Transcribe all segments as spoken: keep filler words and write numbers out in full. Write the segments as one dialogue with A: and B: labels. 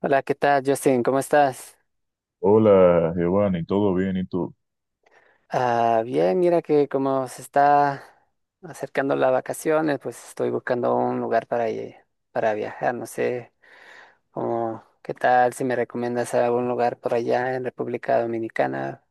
A: Hola, ¿qué tal, Justin? ¿Cómo estás?
B: Hola, Giovanni, ¿todo bien? ¿Y tú?
A: Ah, bien, mira que como se está acercando las vacaciones, pues estoy buscando un lugar para, ir- para viajar. No sé, como, ¿qué tal si me recomiendas algún lugar por allá en República Dominicana?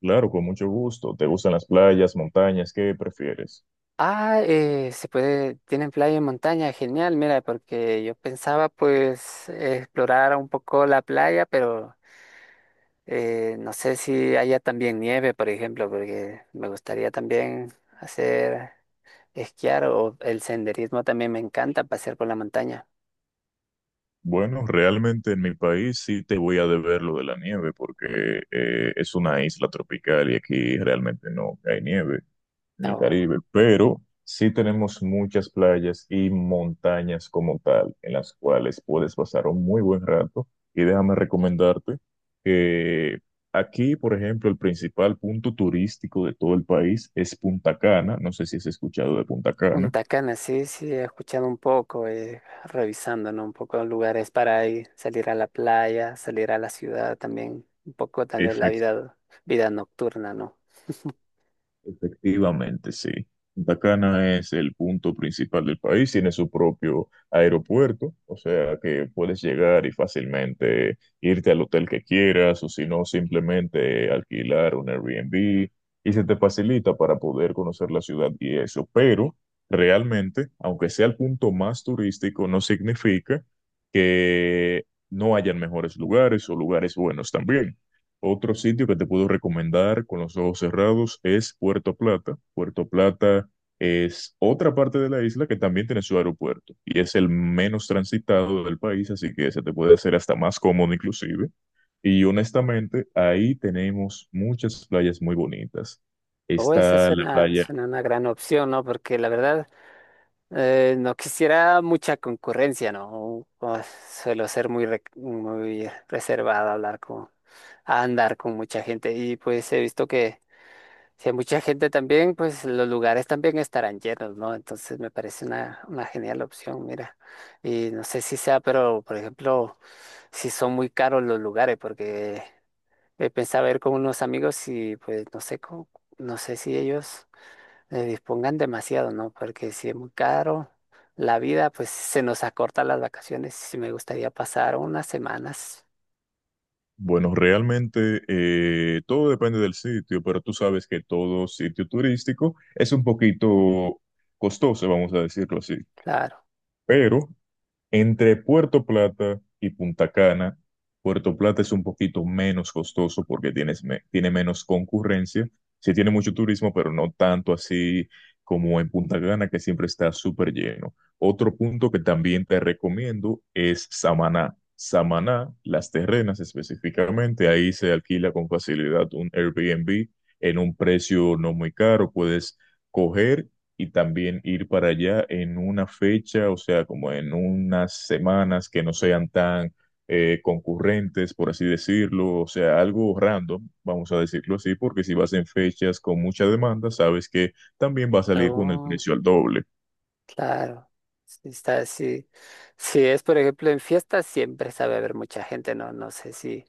B: Claro, con mucho gusto. ¿Te gustan las playas, montañas? ¿Qué prefieres?
A: Ah, eh, se puede, tienen playa y montaña, genial, mira, porque yo pensaba pues explorar un poco la playa, pero eh, no sé si haya también nieve, por ejemplo, porque me gustaría también hacer esquiar o el senderismo también me encanta, pasear por la montaña.
B: Bueno, realmente en mi país sí te voy a deber lo de la nieve porque eh, es una isla tropical y aquí realmente no hay nieve en el
A: O
B: Caribe, pero sí tenemos muchas playas y montañas como tal, en las cuales puedes pasar un muy buen rato. Y déjame recomendarte que aquí, por ejemplo, el principal punto turístico de todo el país es Punta Cana. No sé si has escuchado de Punta
A: un
B: Cana.
A: Cana, sí, sí, he escuchado un poco, eh, revisando, ¿no? Un poco lugares para ir, salir a la playa, salir a la ciudad también, un poco tal vez la vida, vida nocturna, ¿no?
B: Efectivamente, sí. Punta Cana es el punto principal del país, tiene su propio aeropuerto, o sea que puedes llegar y fácilmente irte al hotel que quieras o si no, simplemente alquilar un Airbnb y se te facilita para poder conocer la ciudad y eso. Pero realmente, aunque sea el punto más turístico, no significa que no hayan mejores lugares o lugares buenos también. Otro sitio que te puedo recomendar con los ojos cerrados es Puerto Plata. Puerto Plata es otra parte de la isla que también tiene su aeropuerto y es el menos transitado del país, así que se te puede hacer hasta más cómodo inclusive. Y honestamente, ahí tenemos muchas playas muy bonitas.
A: O esa
B: Está la
A: suena,
B: playa,
A: suena una gran opción, ¿no? Porque la verdad, eh, no quisiera mucha concurrencia, ¿no? O- o suelo ser muy, re- muy reservado a hablar con, a andar con mucha gente y pues he visto que si hay mucha gente también, pues los lugares también estarán llenos, ¿no? Entonces me parece una, una genial opción, mira. Y no sé si sea, pero por ejemplo, si son muy caros los lugares, porque eh, pensaba ir con unos amigos y pues no sé, cómo- no sé si ellos eh, dispongan demasiado, ¿no? Porque si es muy caro la vida, pues se nos acorta las vacaciones y me gustaría pasar unas semanas,
B: bueno, realmente eh, todo depende del sitio, pero tú sabes que todo sitio turístico es un poquito costoso, vamos a decirlo así.
A: claro.
B: Pero entre Puerto Plata y Punta Cana, Puerto Plata es un poquito menos costoso porque tienes me- tiene menos concurrencia. Sí tiene mucho turismo, pero no tanto así como en Punta Cana, que siempre está súper lleno. Otro punto que también te recomiendo es Samaná. Samaná, Las Terrenas específicamente, ahí se alquila con facilidad un Airbnb en un precio no muy caro. Puedes coger y también ir para allá en una fecha, o sea, como en unas semanas que no sean tan eh, concurrentes, por así decirlo, o sea, algo random, vamos a decirlo así, porque si vas en fechas con mucha demanda, sabes que también va a salir con el
A: Oh.
B: precio al doble.
A: Claro, sí está sí. Sí es, por ejemplo, en fiestas siempre sabe haber mucha gente, no, no sé si,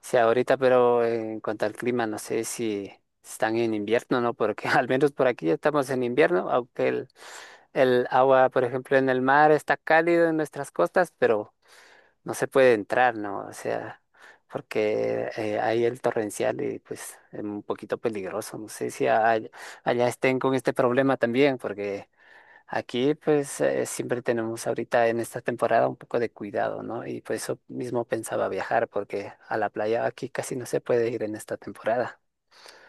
A: si ahorita, pero en cuanto al clima, no sé si están en invierno, ¿no? Porque al menos por aquí ya estamos en invierno, aunque el, el agua, por ejemplo, en el mar está cálido en nuestras costas, pero no se puede entrar, ¿no? O sea, porque eh, hay el torrencial y pues es un poquito peligroso. No sé si a- allá estén con este problema también, porque… Aquí pues eh, siempre tenemos ahorita en esta temporada un poco de cuidado, ¿no? Y por eso mismo pensaba viajar, porque a la playa aquí casi no se puede ir en esta temporada.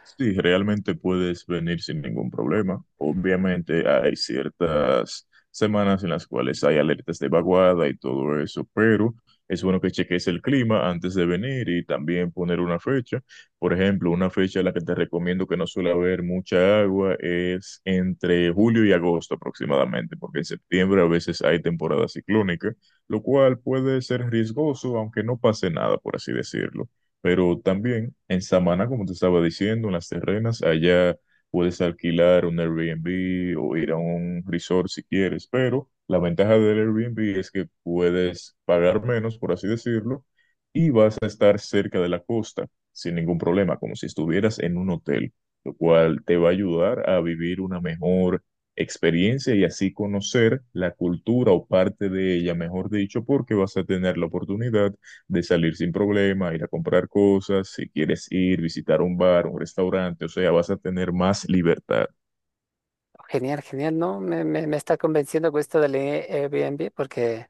B: Sí, realmente puedes venir sin ningún problema. Obviamente hay ciertas semanas en las cuales hay alertas de vaguada y todo eso, pero es bueno que cheques el clima antes de venir y también poner una fecha. Por ejemplo, una fecha a la que te recomiendo que no suele haber mucha agua es entre julio y agosto aproximadamente, porque en septiembre a veces hay temporada ciclónica, lo cual puede ser riesgoso, aunque no pase nada, por así decirlo. Pero también en Samaná, como te estaba diciendo, en las terrenas, allá puedes alquilar un Airbnb o ir a un resort si quieres, pero la ventaja del Airbnb es que puedes pagar menos, por así decirlo, y vas a estar cerca de la costa sin ningún problema, como si estuvieras en un hotel, lo cual te va a ayudar a vivir una mejor experiencia y así conocer la cultura o parte de ella, mejor dicho, porque vas a tener la oportunidad de salir sin problema, ir a comprar cosas, si quieres ir, visitar un bar, un restaurante, o sea, vas a tener más libertad.
A: Genial, genial, ¿no? Me, me, me está convenciendo con esto del Airbnb, porque,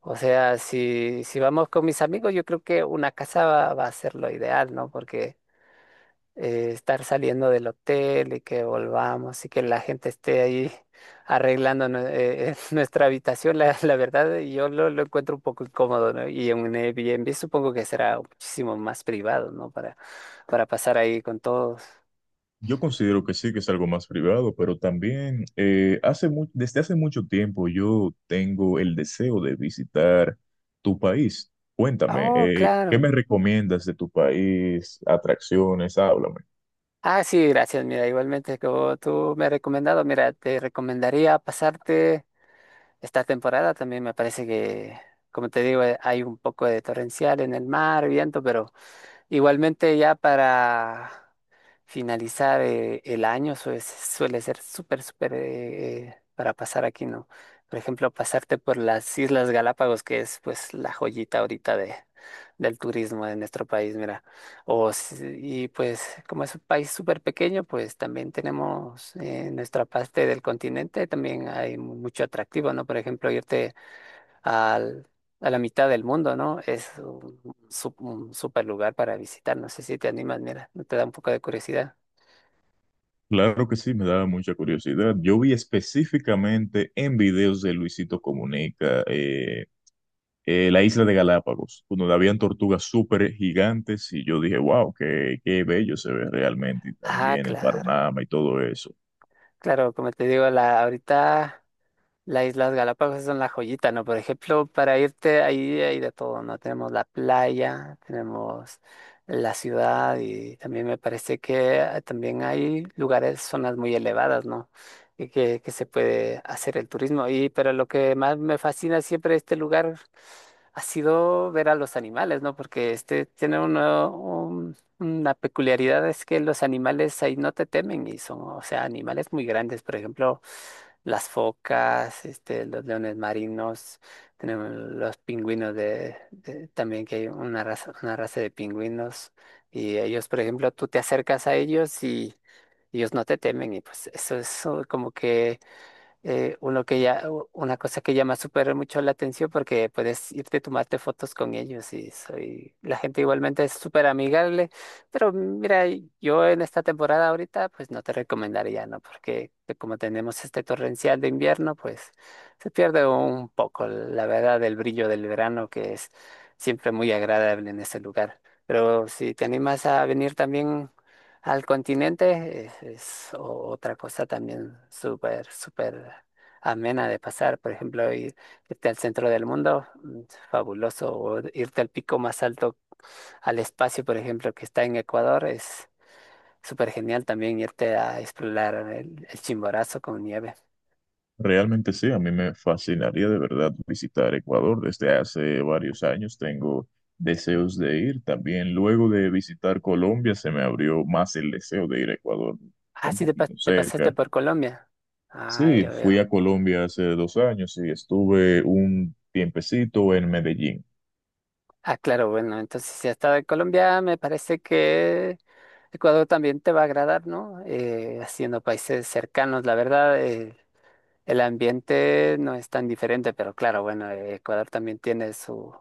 A: o sea, si, si vamos con mis amigos, yo creo que una casa va, va a ser lo ideal, ¿no? Porque eh, estar saliendo del hotel y que volvamos y que la gente esté ahí arreglando nue- eh, nuestra habitación, la, la verdad yo lo, lo encuentro un poco incómodo, ¿no? Y en un Airbnb supongo que será muchísimo más privado, ¿no? Para, para pasar ahí con todos.
B: Yo considero que sí, que es algo más privado, pero también eh, hace mu- desde hace mucho tiempo yo tengo el deseo de visitar tu país. Cuéntame,
A: Oh,
B: eh, ¿qué
A: claro.
B: me recomiendas de tu país? Atracciones, háblame.
A: Ah, sí, gracias. Mira, igualmente, como tú me has recomendado, mira, te recomendaría pasarte esta temporada. También me parece que, como te digo, eh, hay un poco de torrencial en el mar, viento, pero igualmente ya para finalizar eh, el año suele, suele ser súper, súper eh, eh, para pasar aquí, ¿no? Por ejemplo, pasarte por las Islas Galápagos, que es pues la joyita ahorita de, del turismo de nuestro país, mira. O, si- y pues como es un país súper pequeño, pues también tenemos eh, nuestra parte del continente, también hay mu- mucho atractivo, ¿no? Por ejemplo, irte al- a la mitad del mundo, ¿no? Es un, su- un super lugar para visitar. No sé si te animas, mira, te da un poco de curiosidad.
B: Claro que sí, me daba mucha curiosidad. Yo vi específicamente en videos de Luisito Comunica, eh, eh, la isla de Galápagos, donde habían tortugas súper gigantes y yo dije, wow, qué, qué bello se ve realmente y
A: Ah,
B: también el
A: claro.
B: panorama y todo eso.
A: Claro, como te digo, la, ahorita. Las Islas Galápagos son la joyita, ¿no? Por ejemplo, para irte ahí hay de todo, ¿no? Tenemos la playa, tenemos la ciudad y también me parece que ah, también hay lugares, zonas muy elevadas, ¿no? Y que, que se puede hacer el turismo. Y pero lo que más me fascina siempre de este lugar ha sido ver a los animales, ¿no? Porque este tiene uno. Mm, La peculiaridad es que los animales ahí no te temen y son, o sea, animales muy grandes. Por ejemplo, las focas, este, los leones marinos, tenemos los pingüinos de, de- también que hay una raza, una raza de pingüinos y ellos, por ejemplo, tú te acercas a ellos y ellos no te temen y pues eso es uh, como que eh, uno que ya, una cosa que llama súper mucho la atención porque puedes irte a tomarte fotos con ellos y soy, la gente igualmente es súper amigable, pero mira, yo en esta temporada ahorita pues no te recomendaría, ¿no? Porque te- como tenemos este torrencial de invierno, pues se pierde un poco, la verdad, del brillo del verano que es siempre muy agradable en ese lugar. Pero si te animas a venir también al continente es, es o- otra cosa también súper, súper amena de pasar. Por ejemplo, ir- irte al centro del mundo, mm, fabuloso. O irte al pico más alto, al espacio, por ejemplo, que está en Ecuador, es súper genial también irte a explorar el, el Chimborazo con nieve.
B: Realmente sí, a mí me fascinaría de verdad visitar Ecuador. Desde hace varios años tengo deseos de ir. También luego de visitar Colombia se me abrió más el deseo de ir a Ecuador,
A: Ah,
B: un
A: sí, te, pas-
B: poquito
A: te pasaste
B: cerca.
A: por Colombia. Ah,
B: Sí,
A: yo
B: fui
A: veo.
B: a Colombia hace dos años y estuve un tiempecito en Medellín.
A: Ah, claro, bueno, entonces si has estado en Colombia, me parece que Ecuador también te va a agradar, ¿no? Eh, haciendo países cercanos, la verdad, eh, el ambiente no es tan diferente, pero claro, bueno, eh, Ecuador también tiene su,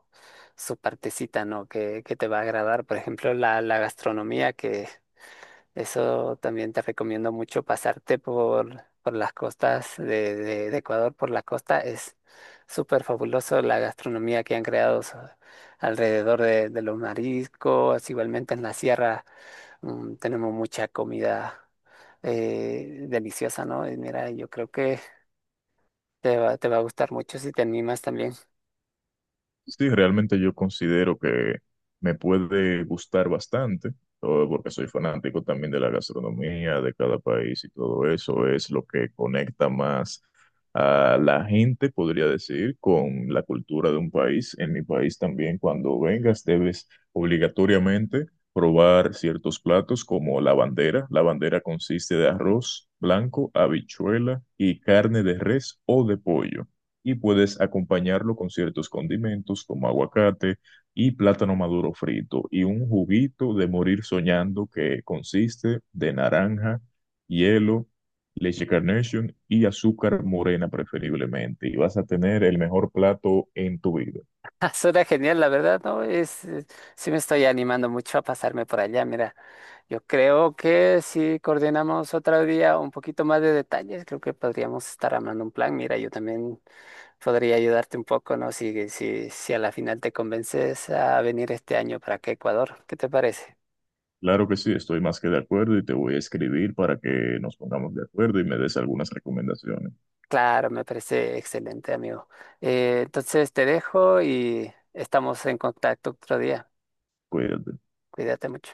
A: su partecita, ¿no? Que, que te va a agradar, por ejemplo, la, la gastronomía, que eso también te recomiendo mucho pasarte por, por las costas de, de- de Ecuador, por la costa. Es súper fabuloso la gastronomía que han creado so- alrededor de, de los mariscos. Igualmente en la sierra mm, tenemos mucha comida eh, deliciosa, ¿no? Y mira, yo creo que te va, te va a gustar mucho si te animas también.
B: Sí, realmente yo considero que me puede gustar bastante, todo porque soy fanático también de la gastronomía de cada país y todo eso es lo que conecta más a la gente, podría decir, con la cultura de un país. En mi país también, cuando vengas, debes obligatoriamente probar ciertos platos como la bandera. La bandera consiste de arroz blanco, habichuela y carne de res o de pollo y puedes acompañarlo con ciertos condimentos como aguacate y plátano maduro frito y un juguito de morir soñando que consiste de naranja, hielo, leche Carnation y azúcar morena preferiblemente y vas a tener el mejor plato en tu vida.
A: Ah, suena genial, la verdad, ¿no? Es, eh, sí me estoy animando mucho a pasarme por allá. Mira, yo creo que si coordinamos otro día un poquito más de detalles, creo que podríamos estar armando un plan. Mira, yo también podría ayudarte un poco, ¿no? Si, si, si a la final te convences a venir este año para acá, a Ecuador, ¿qué te parece?
B: Claro que sí, estoy más que de acuerdo y te voy a escribir para que nos pongamos de acuerdo y me des algunas recomendaciones.
A: Claro, me parece excelente, amigo. Eh, entonces te dejo y estamos en contacto otro día.
B: Cuídate.
A: Cuídate mucho.